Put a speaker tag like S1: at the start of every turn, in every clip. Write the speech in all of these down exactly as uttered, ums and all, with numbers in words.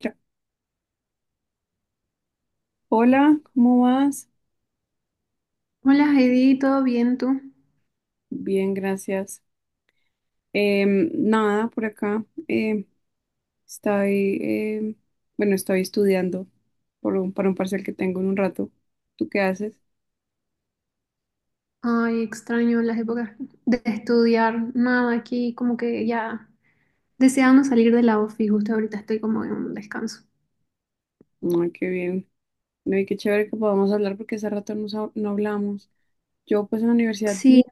S1: Ya. Hola, ¿cómo vas?
S2: Hola Heidi, ¿todo bien tú?
S1: Bien, gracias. Em, nada, por acá. em, estoy, em, bueno, Estoy estudiando por un, para un parcial que tengo en un rato. ¿Tú qué haces?
S2: Ay, extraño las épocas de estudiar, nada, aquí como que ya deseando salir de la ofi, justo ahorita estoy como en un descanso.
S1: Ay, qué bien. No, y qué chévere que podamos hablar porque hace rato no, sa- no hablamos. Yo pues en la universidad.
S2: Sí,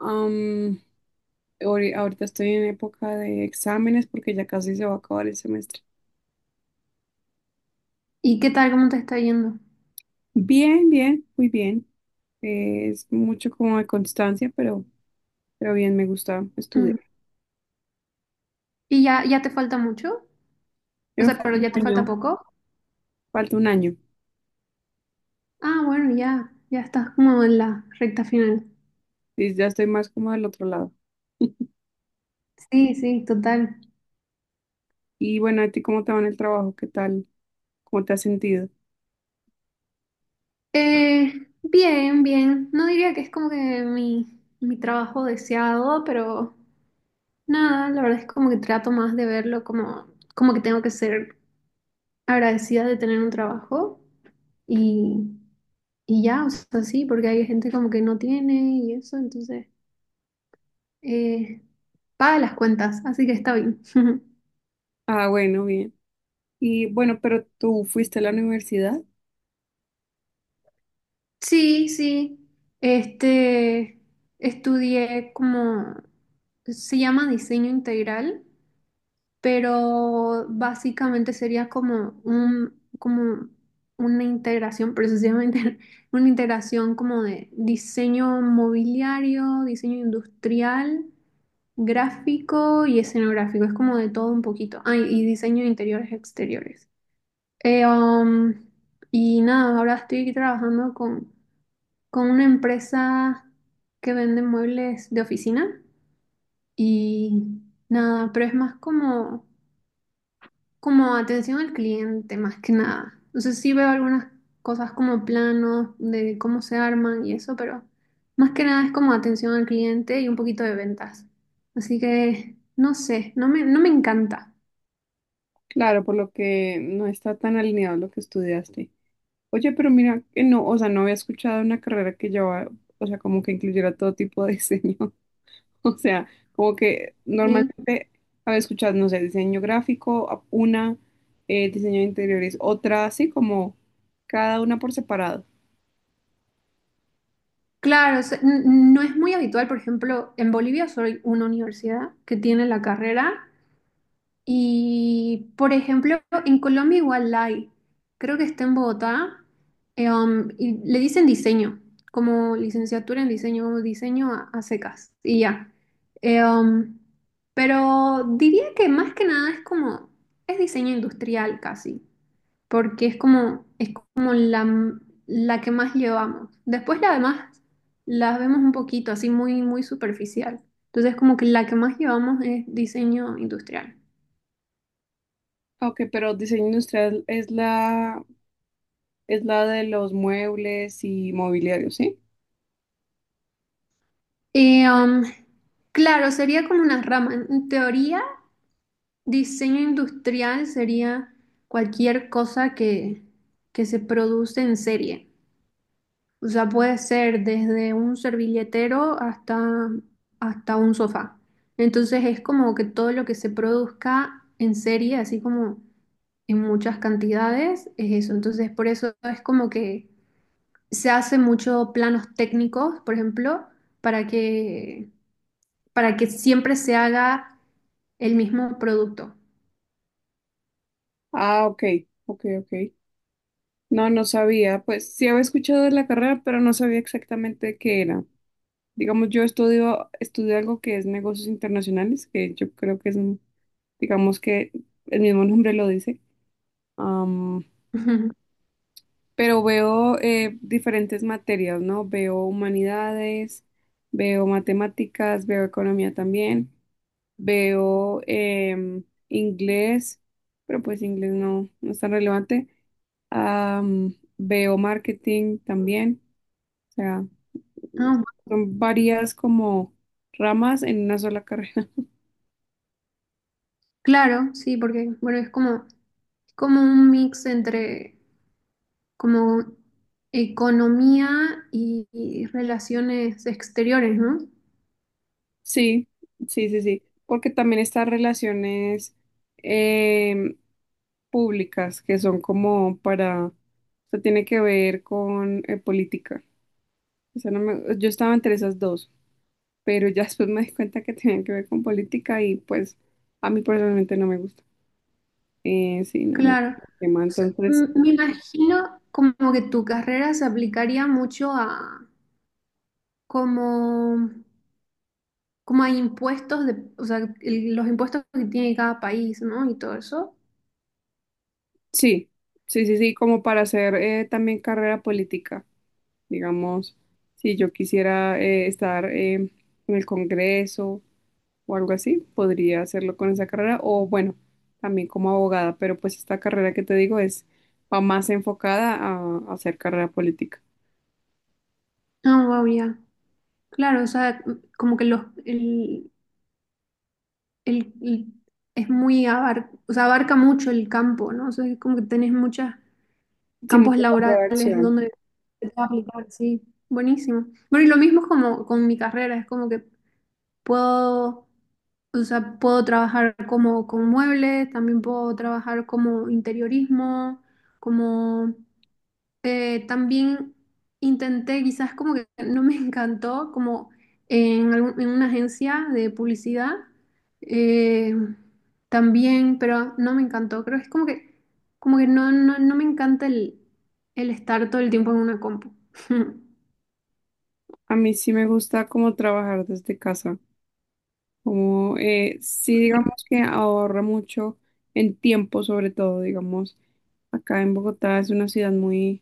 S1: am, ahori- Ahorita estoy en época de exámenes porque ya casi se va a acabar el semestre.
S2: ¿y qué tal? ¿Cómo te está yendo?
S1: Bien, bien, muy bien. Eh, es mucho como de constancia, pero, pero bien, me gusta estudiar.
S2: Ujú. ¿Y ya, ya te falta mucho? O
S1: Me
S2: sea, pero
S1: falta un
S2: ya te falta
S1: año,
S2: poco.
S1: Falta un año.
S2: Ah, bueno, ya, ya estás como en la recta final.
S1: Y ya estoy más como del otro lado.
S2: Sí, sí, total.
S1: Y bueno, ¿a ti cómo te va en el trabajo? ¿Qué tal? ¿Cómo te has sentido?
S2: Eh, bien, bien. No diría que es como que mi, mi trabajo deseado, pero nada, la verdad es como que trato más de verlo como, como que tengo que ser agradecida de tener un trabajo y, y ya, o sea, sí, porque hay gente como que no tiene y eso, entonces eh, paga las cuentas, así que está bien.
S1: Ah, bueno, bien. Y bueno, pero tú fuiste a la universidad.
S2: Sí, sí, este, estudié como, se llama diseño integral pero básicamente sería como un, como una integración, pero eso se llama inter- una integración como de diseño mobiliario, diseño industrial, gráfico y escenográfico, es como de todo un poquito. Ah, y diseño de interiores exteriores. Eh, um, y nada, ahora estoy trabajando con, con una empresa que vende muebles de oficina y nada, pero es más como como atención al cliente más que nada. Entonces sí veo algunas cosas como planos de cómo se arman y eso, pero más que nada es como atención al cliente y un poquito de ventas. Así que no sé, no me, no me encanta.
S1: Claro, por lo que no está tan alineado lo que estudiaste. Oye, pero mira, que no, o sea, no había escuchado una carrera que llevaba, o sea, como que incluyera todo tipo de diseño. O sea, como que
S2: Y
S1: normalmente, a ver, escuchad, no sé, diseño gráfico, a- una, eh, diseño de interiores, otra, así como cada una por separado.
S2: claro, o sea, n- no es muy habitual, por ejemplo, en Bolivia soy una universidad que tiene la carrera. Y, por ejemplo, en Colombia igual hay, creo que está en Bogotá, eh, um, y le dicen diseño, como licenciatura en diseño, como diseño a, a secas, y ya. Eh, um, pero diría que más que nada es como, es diseño industrial casi, porque es como, es como la, m- la que más llevamos. Después la demás las vemos un poquito, así muy, muy superficial. Entonces como que la que más llevamos es diseño industrial.
S1: Ah, ok, pero diseño industrial es la, es la de los muebles y mobiliario, ¿sí?
S2: Y, um, claro, sería como una rama. En teoría, diseño industrial sería cualquier cosa que, que se produce en serie. O sea, puede ser desde un servilletero hasta, hasta un sofá. Entonces es como que todo lo que se produzca en serie, así como en muchas cantidades, es eso. Entonces por eso es como que se hace mucho planos técnicos, por ejemplo, para que para que siempre se haga el mismo producto.
S1: Ah, ok, ok, ok. No, no sabía. Pues sí había escuchado de la carrera, pero no sabía exactamente qué era. Digamos, yo estudio, estudio algo que es negocios internacionales, que yo creo que es, un- digamos que el mismo nombre lo dice. Am,
S2: Ujú.
S1: pero veo eh, diferentes materias, ¿no? Veo humanidades, veo matemáticas, veo economía también, veo em, inglés, pero pues inglés no, no es tan relevante. Am, veo marketing también, o sea,
S2: Ah, bu-
S1: son varias como ramas en una sola carrera.
S2: claro, sí, porque bueno, es como, como un mix entre como economía y, y relaciones exteriores, ¿no?
S1: Sí, sí, sí, sí, porque también estas relaciones em, públicas que son como para, o sea, tiene que ver con eh, política. O sea, no me- Yo estaba entre esas dos, pero ya después me di cuenta que tenían que ver con política y pues a mí personalmente no me gusta. Eh, sí, no me
S2: Claro.
S1: gusta el tema,
S2: O sea,
S1: entonces...
S2: m- me imagino como que tu carrera se aplicaría mucho a como, como a impuestos de, o sea, el- los impuestos que tiene cada país, ¿no? Y todo eso.
S1: Sí, sí, sí, sí, como para hacer eh, también carrera política, digamos, si yo quisiera eh, estar eh, en el Congreso o algo así, podría hacerlo con esa carrera o bueno, también como abogada, pero pues esta carrera que te digo es va más enfocada a, a hacer carrera política,
S2: Ah, wow, ya. Claro, o sea, mm, como que los, el, el- el- es muy abar, o sea, abarca mucho el campo, ¿no? O sea, es como que tenés muchos
S1: sin
S2: campos
S1: mucho campo
S2: laborales
S1: de acción.
S2: donde te puedes aplicar, sí, buenísimo. Bueno, y lo mismo es como con mi carrera, es como que puedo, o sea, puedo trabajar como con muebles, también puedo trabajar como interiorismo, como eh, también intenté, quizás como que no me encantó, como en, algún- en una agencia de publicidad, eh, también, pero no me encantó. Creo que es como que, como que no, no, no me encanta el, el estar todo el tiempo en una compu.
S1: A mí sí me gusta como trabajar desde casa, como eh, sí digamos que ahorra mucho en tiempo, sobre todo, digamos. Acá en Bogotá es una ciudad muy,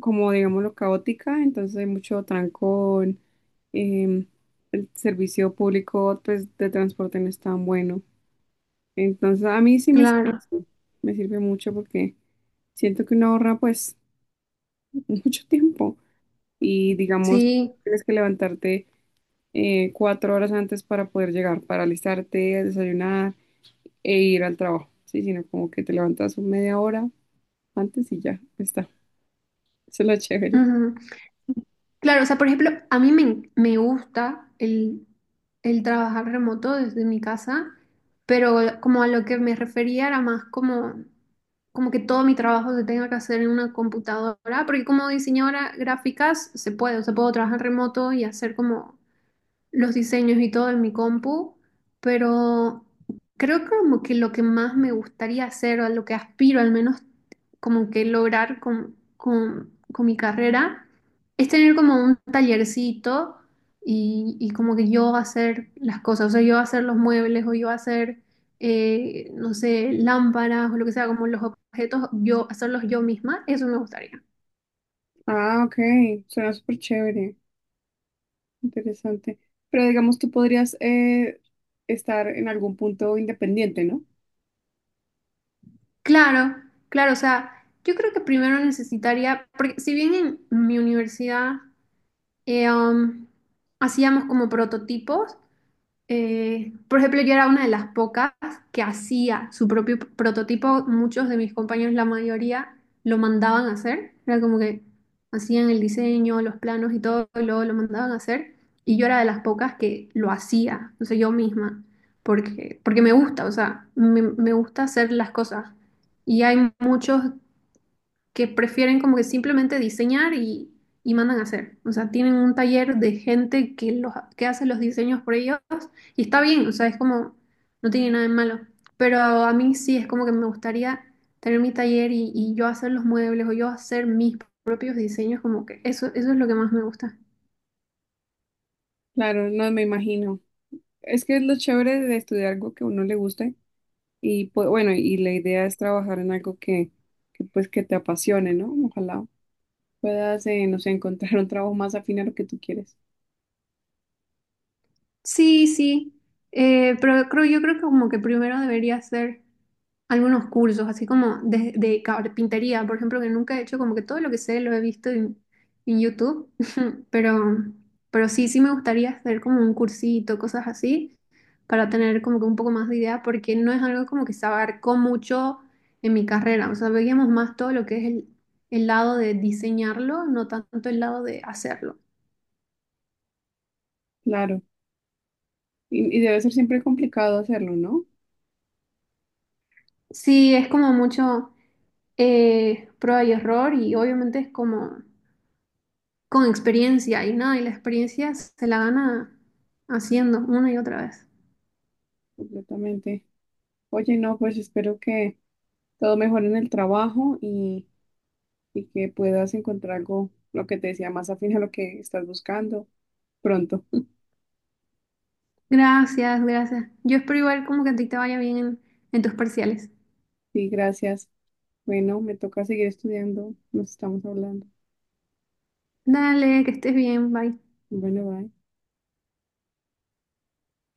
S1: como digámoslo, caótica, entonces hay mucho trancón, em, el servicio público pues, de transporte no es tan bueno. Entonces a mí sí me sirve,
S2: Claro,
S1: eso, me sirve mucho porque siento que uno ahorra pues mucho tiempo y digamos,
S2: sí.
S1: tienes que levantarte eh, cuatro horas antes para poder llegar, para alistarte, desayunar e ir al trabajo, sí, sino como que te levantas media hora antes y ya está. Eso es lo chévere.
S2: Ujú. Claro, o sea, por ejemplo, a mí me, me gusta el, el trabajar remoto desde mi casa, pero como a lo que me refería era más como, como que todo mi trabajo se tenga que hacer en una computadora, porque como diseñadora gráficas se puede, o sea, puedo trabajar remoto y hacer como los diseños y todo en mi compu, pero creo que como que lo que más me gustaría hacer, o a lo que aspiro al menos como que lograr con, con- con mi carrera, es tener como un tallercito y, y como que yo hacer las cosas, o sea, yo hacer los muebles o yo hacer, eh, no sé, lámparas o lo que sea, como los objetos, yo hacerlos yo misma, eso me gustaría.
S1: Ah, ok, suena súper chévere, interesante. Pero digamos, tú podrías eh, estar en algún punto independiente, ¿no?
S2: Claro, claro, o sea, yo creo que primero necesitaría, porque si bien en mi universidad eh, um, hacíamos como prototipos, eh, por ejemplo, yo era una de las pocas que hacía su propio prototipo. Muchos de mis compañeros, la mayoría, lo mandaban a hacer. Era como que hacían el diseño, los planos y todo, y luego lo mandaban a hacer. Y yo era de las pocas que lo hacía, o sea, yo misma, porque, porque me gusta, o sea, me, me gusta hacer las cosas. Y hay muchos que prefieren como que simplemente diseñar y, y mandan a hacer. O sea, tienen un taller de gente que, los, que hace los diseños por ellos y está bien, o sea, es como, no tiene nada de malo. Pero a mí sí es como que me gustaría tener mi taller y, y yo hacer los muebles o yo hacer mis propios diseños, como que eso, eso es lo que más me gusta.
S1: Claro, no me imagino. Es que es lo chévere de estudiar algo que a uno le guste y pues, bueno, y la idea es trabajar en algo que, que pues que te apasione, ¿no? Ojalá puedas, eh, no sé, encontrar un trabajo más afín a lo que tú quieres.
S2: Sí, sí, eh, pero creo, yo creo que como que primero debería hacer algunos cursos, así como de, de carpintería, por ejemplo, que nunca he hecho, como que todo lo que sé lo he visto en, en YouTube, pero, pero sí, sí me gustaría hacer como un cursito, cosas así, para tener como que un poco más de idea, porque no es algo como que se abarcó mucho en mi carrera, o sea, veíamos más todo lo que es el, el lado de diseñarlo, no tanto el lado de hacerlo.
S1: Claro. Y, y debe ser siempre complicado hacerlo, ¿no?
S2: Sí, es como mucho eh, prueba y error y obviamente es como con experiencia y nada, y la experiencia se la gana haciendo una y otra vez.
S1: Completamente. Oye, no, pues espero que todo mejore en el trabajo y... y que puedas encontrar algo, lo que te decía, más afín a lo que estás buscando pronto.
S2: Gracias, gracias. Yo espero igual como que a ti te vaya bien en, en tus parciales.
S1: Sí, gracias. Bueno, me toca seguir estudiando. Nos estamos hablando.
S2: Dale, que estés bien, bye.
S1: Bueno, bye.